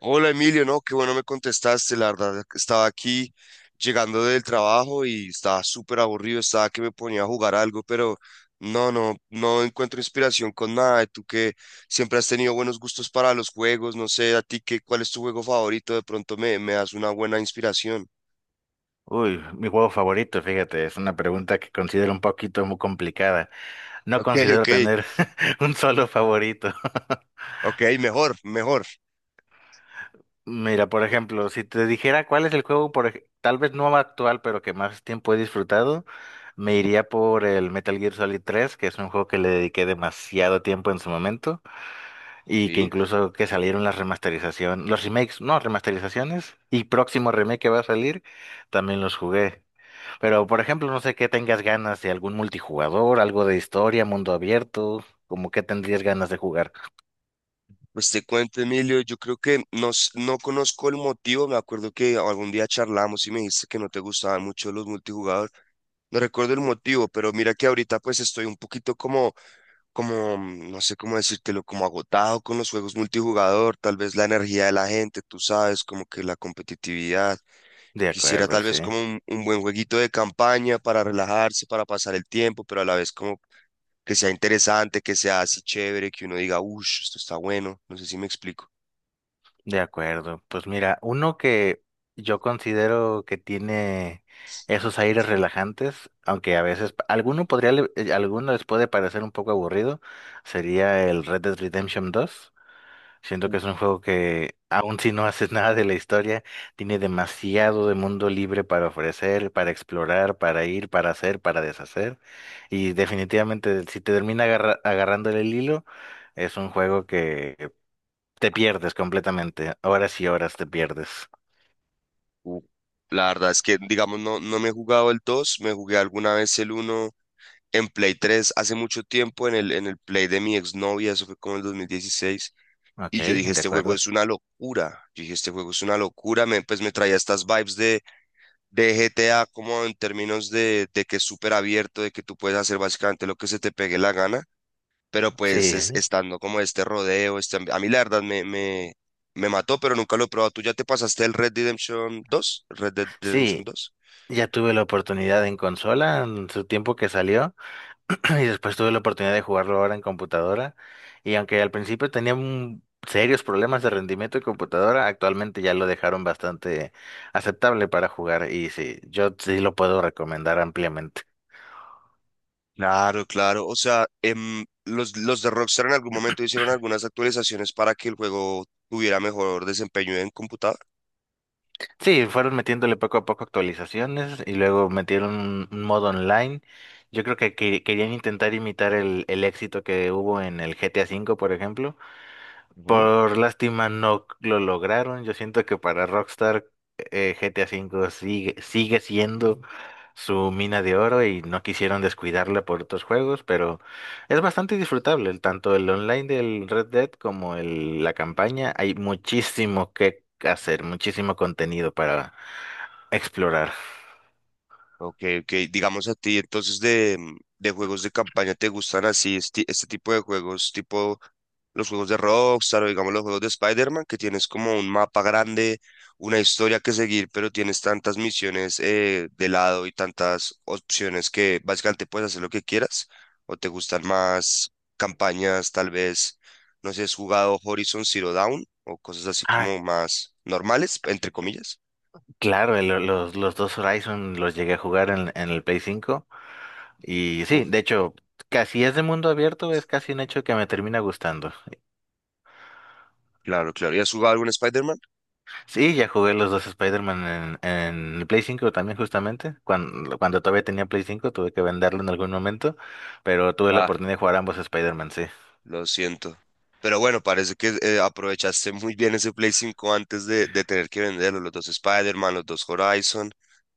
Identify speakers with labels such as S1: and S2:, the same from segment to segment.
S1: Hola Emilio, no, qué bueno me contestaste, la verdad que estaba aquí llegando del trabajo y estaba súper aburrido, estaba que me ponía a jugar algo, pero no, no, no encuentro inspiración con nada. Y tú que siempre has tenido buenos gustos para los juegos, no sé, a ti qué, cuál es tu juego favorito, de pronto me das una buena inspiración.
S2: Uy, mi juego favorito, fíjate, es una pregunta que considero un poquito muy complicada. No
S1: Ok,
S2: considero
S1: ok,
S2: tener un solo favorito.
S1: ok, mejor, mejor.
S2: Mira, por
S1: Co-
S2: ejemplo, si te dijera cuál es el juego, tal vez no actual, pero que más tiempo he disfrutado, me iría por el Metal Gear Solid 3, que es un juego que le dediqué demasiado tiempo en su momento y que
S1: Sí.
S2: incluso que salieron las remasterizaciones, los remakes, no, remasterizaciones y próximo remake que va a salir, también los jugué. Pero, por ejemplo, no sé qué tengas ganas de algún multijugador, algo de historia, mundo abierto, como qué tendrías ganas de jugar.
S1: Pues te cuento, Emilio, yo creo que no, no conozco el motivo, me acuerdo que algún día charlamos y me dijiste que no te gustaban mucho los multijugadores. No recuerdo el motivo, pero mira que ahorita pues estoy un poquito como, no sé cómo decírtelo, como agotado con los juegos multijugador, tal vez la energía de la gente, tú sabes, como que la competitividad.
S2: De
S1: Quisiera
S2: acuerdo,
S1: tal
S2: sí.
S1: vez como un buen jueguito de campaña para relajarse, para pasar el tiempo, pero a la vez como que sea interesante, que sea así chévere, que uno diga, uff, esto está bueno, no sé si me explico.
S2: De acuerdo. Pues mira, uno que yo considero que tiene esos aires relajantes, aunque a veces alguno podría, alguno les puede parecer un poco aburrido, sería el Red Dead Redemption dos. Siento
S1: Uh,
S2: que es un juego que, aun si no haces nada de la historia, tiene demasiado de mundo libre para ofrecer, para explorar, para ir, para hacer, para deshacer. Y definitivamente, si te termina agarrándole el hilo, es un juego que te pierdes completamente. Horas y horas te pierdes.
S1: uh. La verdad es que, digamos, no, no me he jugado el 2, me jugué alguna vez el uno. En Play 3 hace mucho tiempo, en el Play de mi exnovia, eso fue como en el 2016,
S2: Ok,
S1: y yo dije,
S2: de
S1: este juego
S2: acuerdo.
S1: es una locura, yo dije, este juego es una locura, me, pues me traía estas vibes de GTA como en términos de que es súper abierto, de que tú puedes hacer básicamente lo que se te pegue la gana, pero pues
S2: Sí,
S1: estando como este rodeo, a mí la verdad me mató, pero nunca lo he probado. ¿Tú ya te pasaste el Red Dead Redemption 2? ¿Red Dead Redemption
S2: sí,
S1: dos
S2: ya tuve la oportunidad en consola en su tiempo que salió. Y después tuve la oportunidad de jugarlo ahora en computadora. Y aunque al principio tenía serios problemas de rendimiento de computadora, actualmente ya lo dejaron bastante aceptable para jugar. Y sí, yo sí lo puedo recomendar ampliamente.
S1: Claro, claro. O sea, los de Rockstar en algún momento hicieron algunas actualizaciones para que el juego tuviera mejor desempeño en computador.
S2: Sí, fueron metiéndole poco a poco actualizaciones y luego metieron un modo online. Yo creo que querían intentar imitar el éxito que hubo en el GTA V, por ejemplo. Por lástima no lo lograron. Yo siento que para Rockstar, GTA V sigue siendo su mina de oro y no quisieron descuidarla por otros juegos, pero es bastante disfrutable. Tanto el online del Red Dead como la campaña, hay muchísimo que hacer, muchísimo contenido para explorar.
S1: Ok, ok. Digamos a ti, entonces de juegos de campaña, ¿te gustan así este tipo de juegos, tipo los juegos de Rockstar o digamos los juegos de Spider-Man, que tienes como un mapa grande, una historia que seguir, pero tienes tantas misiones de lado y tantas opciones que básicamente puedes hacer lo que quieras? ¿O te gustan más campañas, tal vez, no sé, has jugado Horizon Zero Dawn o cosas así
S2: Ah,
S1: como más normales, entre comillas?
S2: claro, los dos Horizon los llegué a jugar en el Play 5. Y sí,
S1: Uf,
S2: de hecho, casi es de mundo abierto, es casi un hecho que me termina gustando.
S1: claro, claro. ¿Y has jugado algún Spider-Man?
S2: Sí, ya jugué los dos Spider-Man en el Play 5 también justamente. Cuando todavía tenía Play 5 tuve que venderlo en algún momento, pero tuve la oportunidad de jugar ambos Spider-Man, sí.
S1: Lo siento. Pero bueno, parece que aprovechaste muy bien ese Play 5 antes de tener que venderlo. Los dos Spider-Man, los dos Horizon,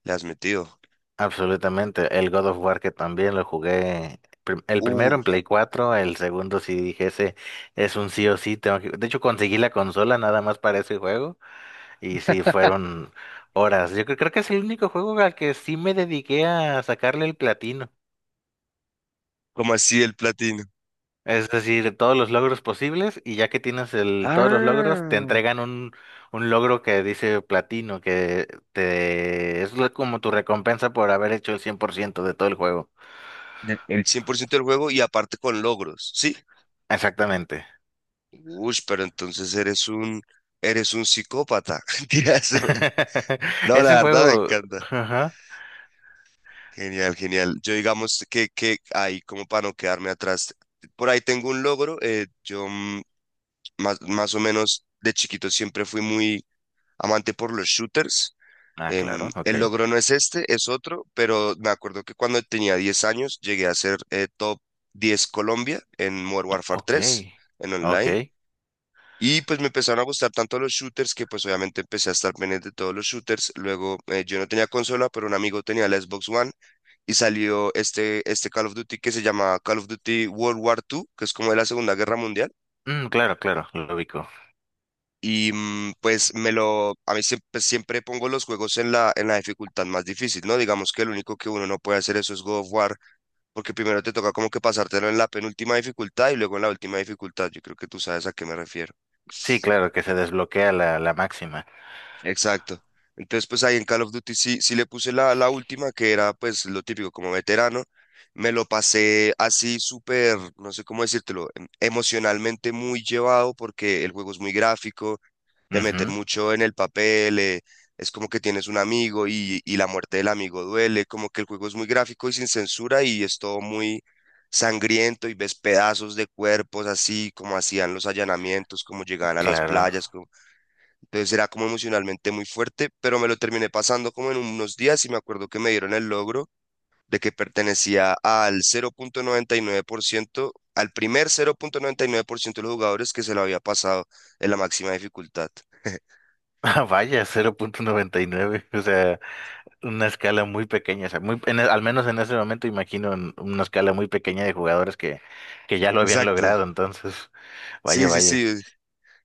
S1: le has metido.
S2: Absolutamente. El God of War que también lo jugué. El primero
S1: Uh,
S2: en Play 4, el segundo sí dije, ese es un sí o sí. Tengo que. De hecho, conseguí la consola nada más para ese juego. Y sí, fueron horas. Yo creo que es el único juego al que sí me dediqué a sacarle el platino.
S1: ¿Cómo así el platino?
S2: Es decir, todos los logros posibles y ya que tienes todos los logros, te
S1: Ah,
S2: entregan un logro que dice platino, que te, es lo- como tu recompensa por haber hecho el 100% de todo el juego.
S1: el 100% del juego y aparte con logros, ¿sí?
S2: Exactamente.
S1: Uy, pero entonces eres un psicópata. Mentiras. No, la
S2: Ese
S1: verdad me
S2: juego.
S1: encanta.
S2: Ajá.
S1: Genial, genial. Yo digamos que, ahí como para no quedarme atrás. Por ahí tengo un logro. Yo más o menos de chiquito siempre fui muy amante por los shooters.
S2: Ah, claro, ok.
S1: El logro no es este, es otro, pero me acuerdo que cuando tenía 10 años llegué a ser top 10 Colombia en Modern Warfare
S2: Ok.
S1: tres en online.
S2: Ok.
S1: Y pues me empezaron a gustar tanto los shooters que pues obviamente empecé a estar pendiente de todos los shooters. Luego yo no tenía consola, pero un amigo tenía la Xbox One y salió este Call of Duty que se llama Call of Duty World War II, que es como de la Segunda Guerra Mundial.
S2: Mm, claro, claro, lo ubico.
S1: Y pues me lo, a mí siempre, pues, siempre pongo los juegos en la dificultad más difícil, ¿no? Digamos que lo único que uno no puede hacer eso es God of War, porque primero te toca como que pasártelo en la penúltima dificultad y luego en la última dificultad. Yo creo que tú sabes a qué me refiero.
S2: Sí, claro, que se desbloquea la máxima.
S1: Exacto. Entonces, pues ahí en Call of Duty sí, sí le puse la última, que era pues lo típico como veterano. Me lo pasé así súper, no sé cómo decírtelo, emocionalmente muy llevado porque el juego es muy gráfico, te meter
S2: Ujú.
S1: mucho en el papel, es como que tienes un amigo y la muerte del amigo duele, como que el juego es muy gráfico y sin censura y es todo muy sangriento y ves pedazos de cuerpos así, como hacían los allanamientos, como llegaban a las
S2: Claro.
S1: playas, entonces era como emocionalmente muy fuerte, pero me lo terminé pasando como en unos días y me acuerdo que me dieron el logro de que pertenecía al 0.99%, al primer 0.99% de los jugadores que se lo había pasado en la máxima dificultad.
S2: Ah, vaya, 0,99. O sea, una escala muy pequeña. O sea, muy, al menos en ese momento imagino en una escala muy pequeña de jugadores que ya lo habían
S1: Exacto.
S2: logrado. Entonces, vaya,
S1: Sí, sí, sí,
S2: vaya.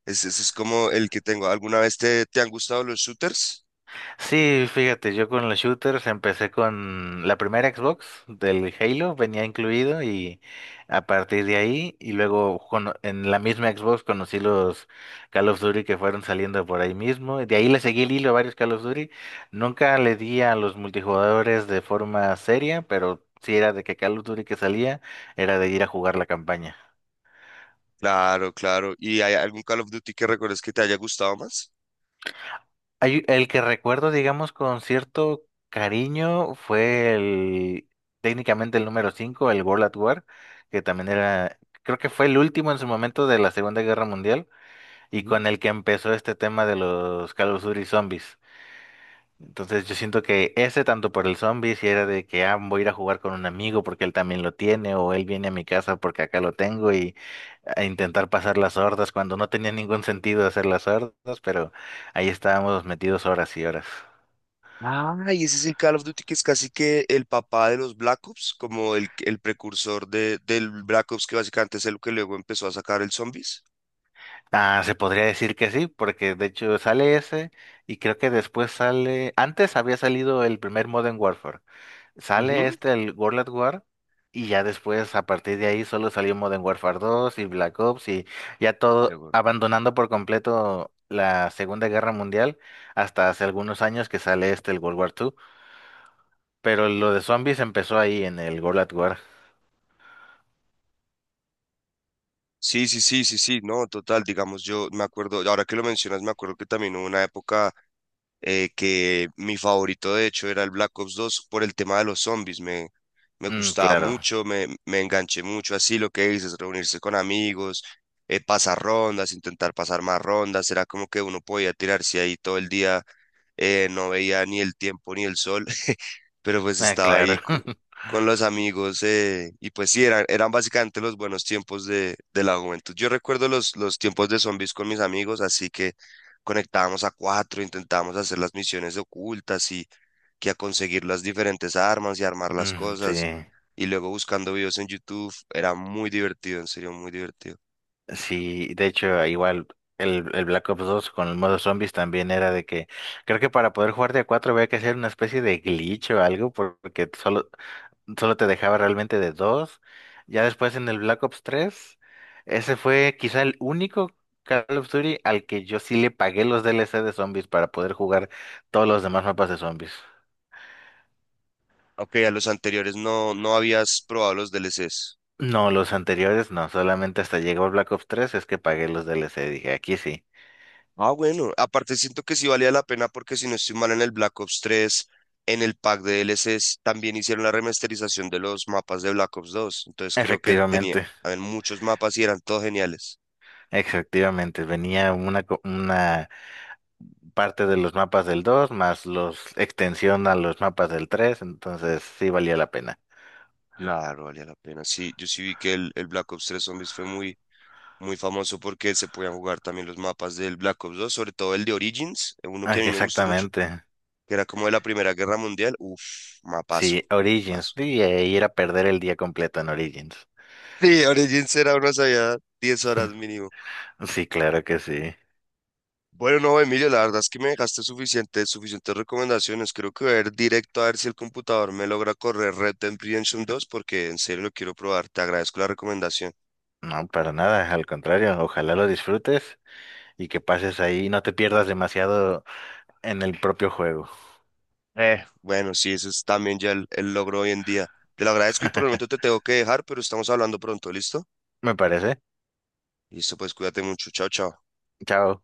S1: eso es como el que tengo. ¿Alguna vez te han gustado los shooters?
S2: Sí, fíjate, yo con los shooters empecé con la primera Xbox del Halo, venía incluido y a partir de ahí y luego en la misma Xbox conocí los Call of Duty que fueron saliendo por ahí mismo. Y de ahí le seguí el hilo a varios Call of Duty. Nunca le di a los multijugadores de forma seria, pero sí era de que Call of Duty que salía era de ir a jugar la campaña.
S1: Claro, claro. ¿Y hay algún Call of Duty que recuerdes que te haya gustado más?
S2: El que recuerdo, digamos, con cierto cariño fue el, técnicamente el número 5, el World at War, que también era, creo que fue el último en su momento de la Segunda Guerra Mundial y
S1: Ujú.
S2: con el que empezó este tema de los Call of Duty Zombies. Entonces yo siento que ese tanto por el zombie, si era de que, voy a ir a jugar con un amigo porque él también lo tiene, o él viene a mi casa porque acá lo tengo, y a intentar pasar las hordas cuando no tenía ningún sentido hacer las hordas, pero ahí estábamos metidos horas y horas.
S1: Ah, y ese es el Call of Duty que es casi que el papá de los Black Ops, como el precursor del Black Ops que básicamente es el que luego empezó a sacar el Zombies.
S2: Ah, se podría decir que sí, porque de hecho sale ese, y creo que después sale, antes había salido el primer Modern Warfare. Sale
S1: Ujú.
S2: el World at War y ya después a partir de ahí solo salió Modern Warfare 2 y Black Ops, y ya todo
S1: Luego-
S2: abandonando por completo la Segunda Guerra Mundial hasta hace algunos años que sale el World War 2, pero lo de zombies empezó ahí en el World at War.
S1: Sí, sí, sí, sí, sí, no, total, digamos, yo me acuerdo, ahora que lo mencionas, me acuerdo que también hubo una época que mi favorito de hecho era el Black Ops 2 por el tema de los zombies, me
S2: Mm,
S1: gustaba
S2: claro,
S1: mucho, me enganché mucho, así lo que dices, reunirse con amigos, pasar rondas, intentar pasar más rondas, era como que uno podía tirarse ahí todo el día, no veía ni el tiempo ni el sol pero pues
S2: ah,
S1: estaba ahí
S2: claro.
S1: con los amigos y pues sí, eran básicamente los buenos tiempos de la juventud. Yo recuerdo los tiempos de zombies con mis amigos, así que conectábamos a cuatro, intentábamos hacer las misiones ocultas y que a conseguir las diferentes armas y armar las
S2: Mm, sí,
S1: cosas. Y luego buscando videos en YouTube, era muy divertido, en serio, muy divertido.
S2: sí, de hecho igual el Black Ops 2 con el modo zombies también era de que creo que para poder jugar de a 4 había que hacer una especie de glitch o algo porque solo te dejaba realmente de dos. Ya después en el Black Ops 3, ese fue quizá el único Call of Duty al que yo sí le pagué los DLC de zombies para poder jugar todos los demás mapas de zombies.
S1: Aunque a los anteriores no, no habías probado los DLCs.
S2: No, los anteriores no, solamente hasta llegó el Black Ops 3 es que pagué los DLC, dije, aquí sí.
S1: Ah, bueno, aparte siento que sí valía la pena porque si no estoy mal en el Black Ops 3, en el pack de DLCs también hicieron la remasterización de los mapas de Black Ops 2. Entonces creo que tenía
S2: Efectivamente,
S1: habían muchos mapas y eran todos geniales.
S2: efectivamente, venía una, una parte de los mapas del 2 más los extensión a los mapas del tres, entonces sí valía la pena.
S1: Claro, valía la pena. Sí, yo sí vi que el Black Ops 3 Zombies fue muy, muy famoso porque se podían jugar también los mapas del Black Ops 2, sobre todo el de Origins, uno que
S2: Ah,
S1: a mí
S2: que
S1: me gustó mucho,
S2: exactamente.
S1: que era como de la Primera Guerra Mundial. Uf, mapazo,
S2: Sí, Origins.
S1: paso.
S2: Y ahí era perder el día completo en Origins.
S1: Sí, Origins era uno, sabía 10 horas mínimo.
S2: Sí, claro que sí.
S1: Bueno, no, Emilio, la verdad es que me dejaste suficiente, suficientes recomendaciones. Creo que voy a ir directo a ver si el computador me logra correr Red Dead Redemption 2, porque en serio lo quiero probar. Te agradezco la recomendación.
S2: No, para nada, al contrario, ojalá lo disfrutes y que pases ahí y no te pierdas demasiado en el propio juego.
S1: Bueno, sí, ese es también ya el logro hoy en día. Te lo agradezco y por el momento te tengo que dejar, pero estamos hablando pronto, ¿listo?
S2: Me parece.
S1: Listo, pues cuídate mucho. Chao, chao.
S2: Chao.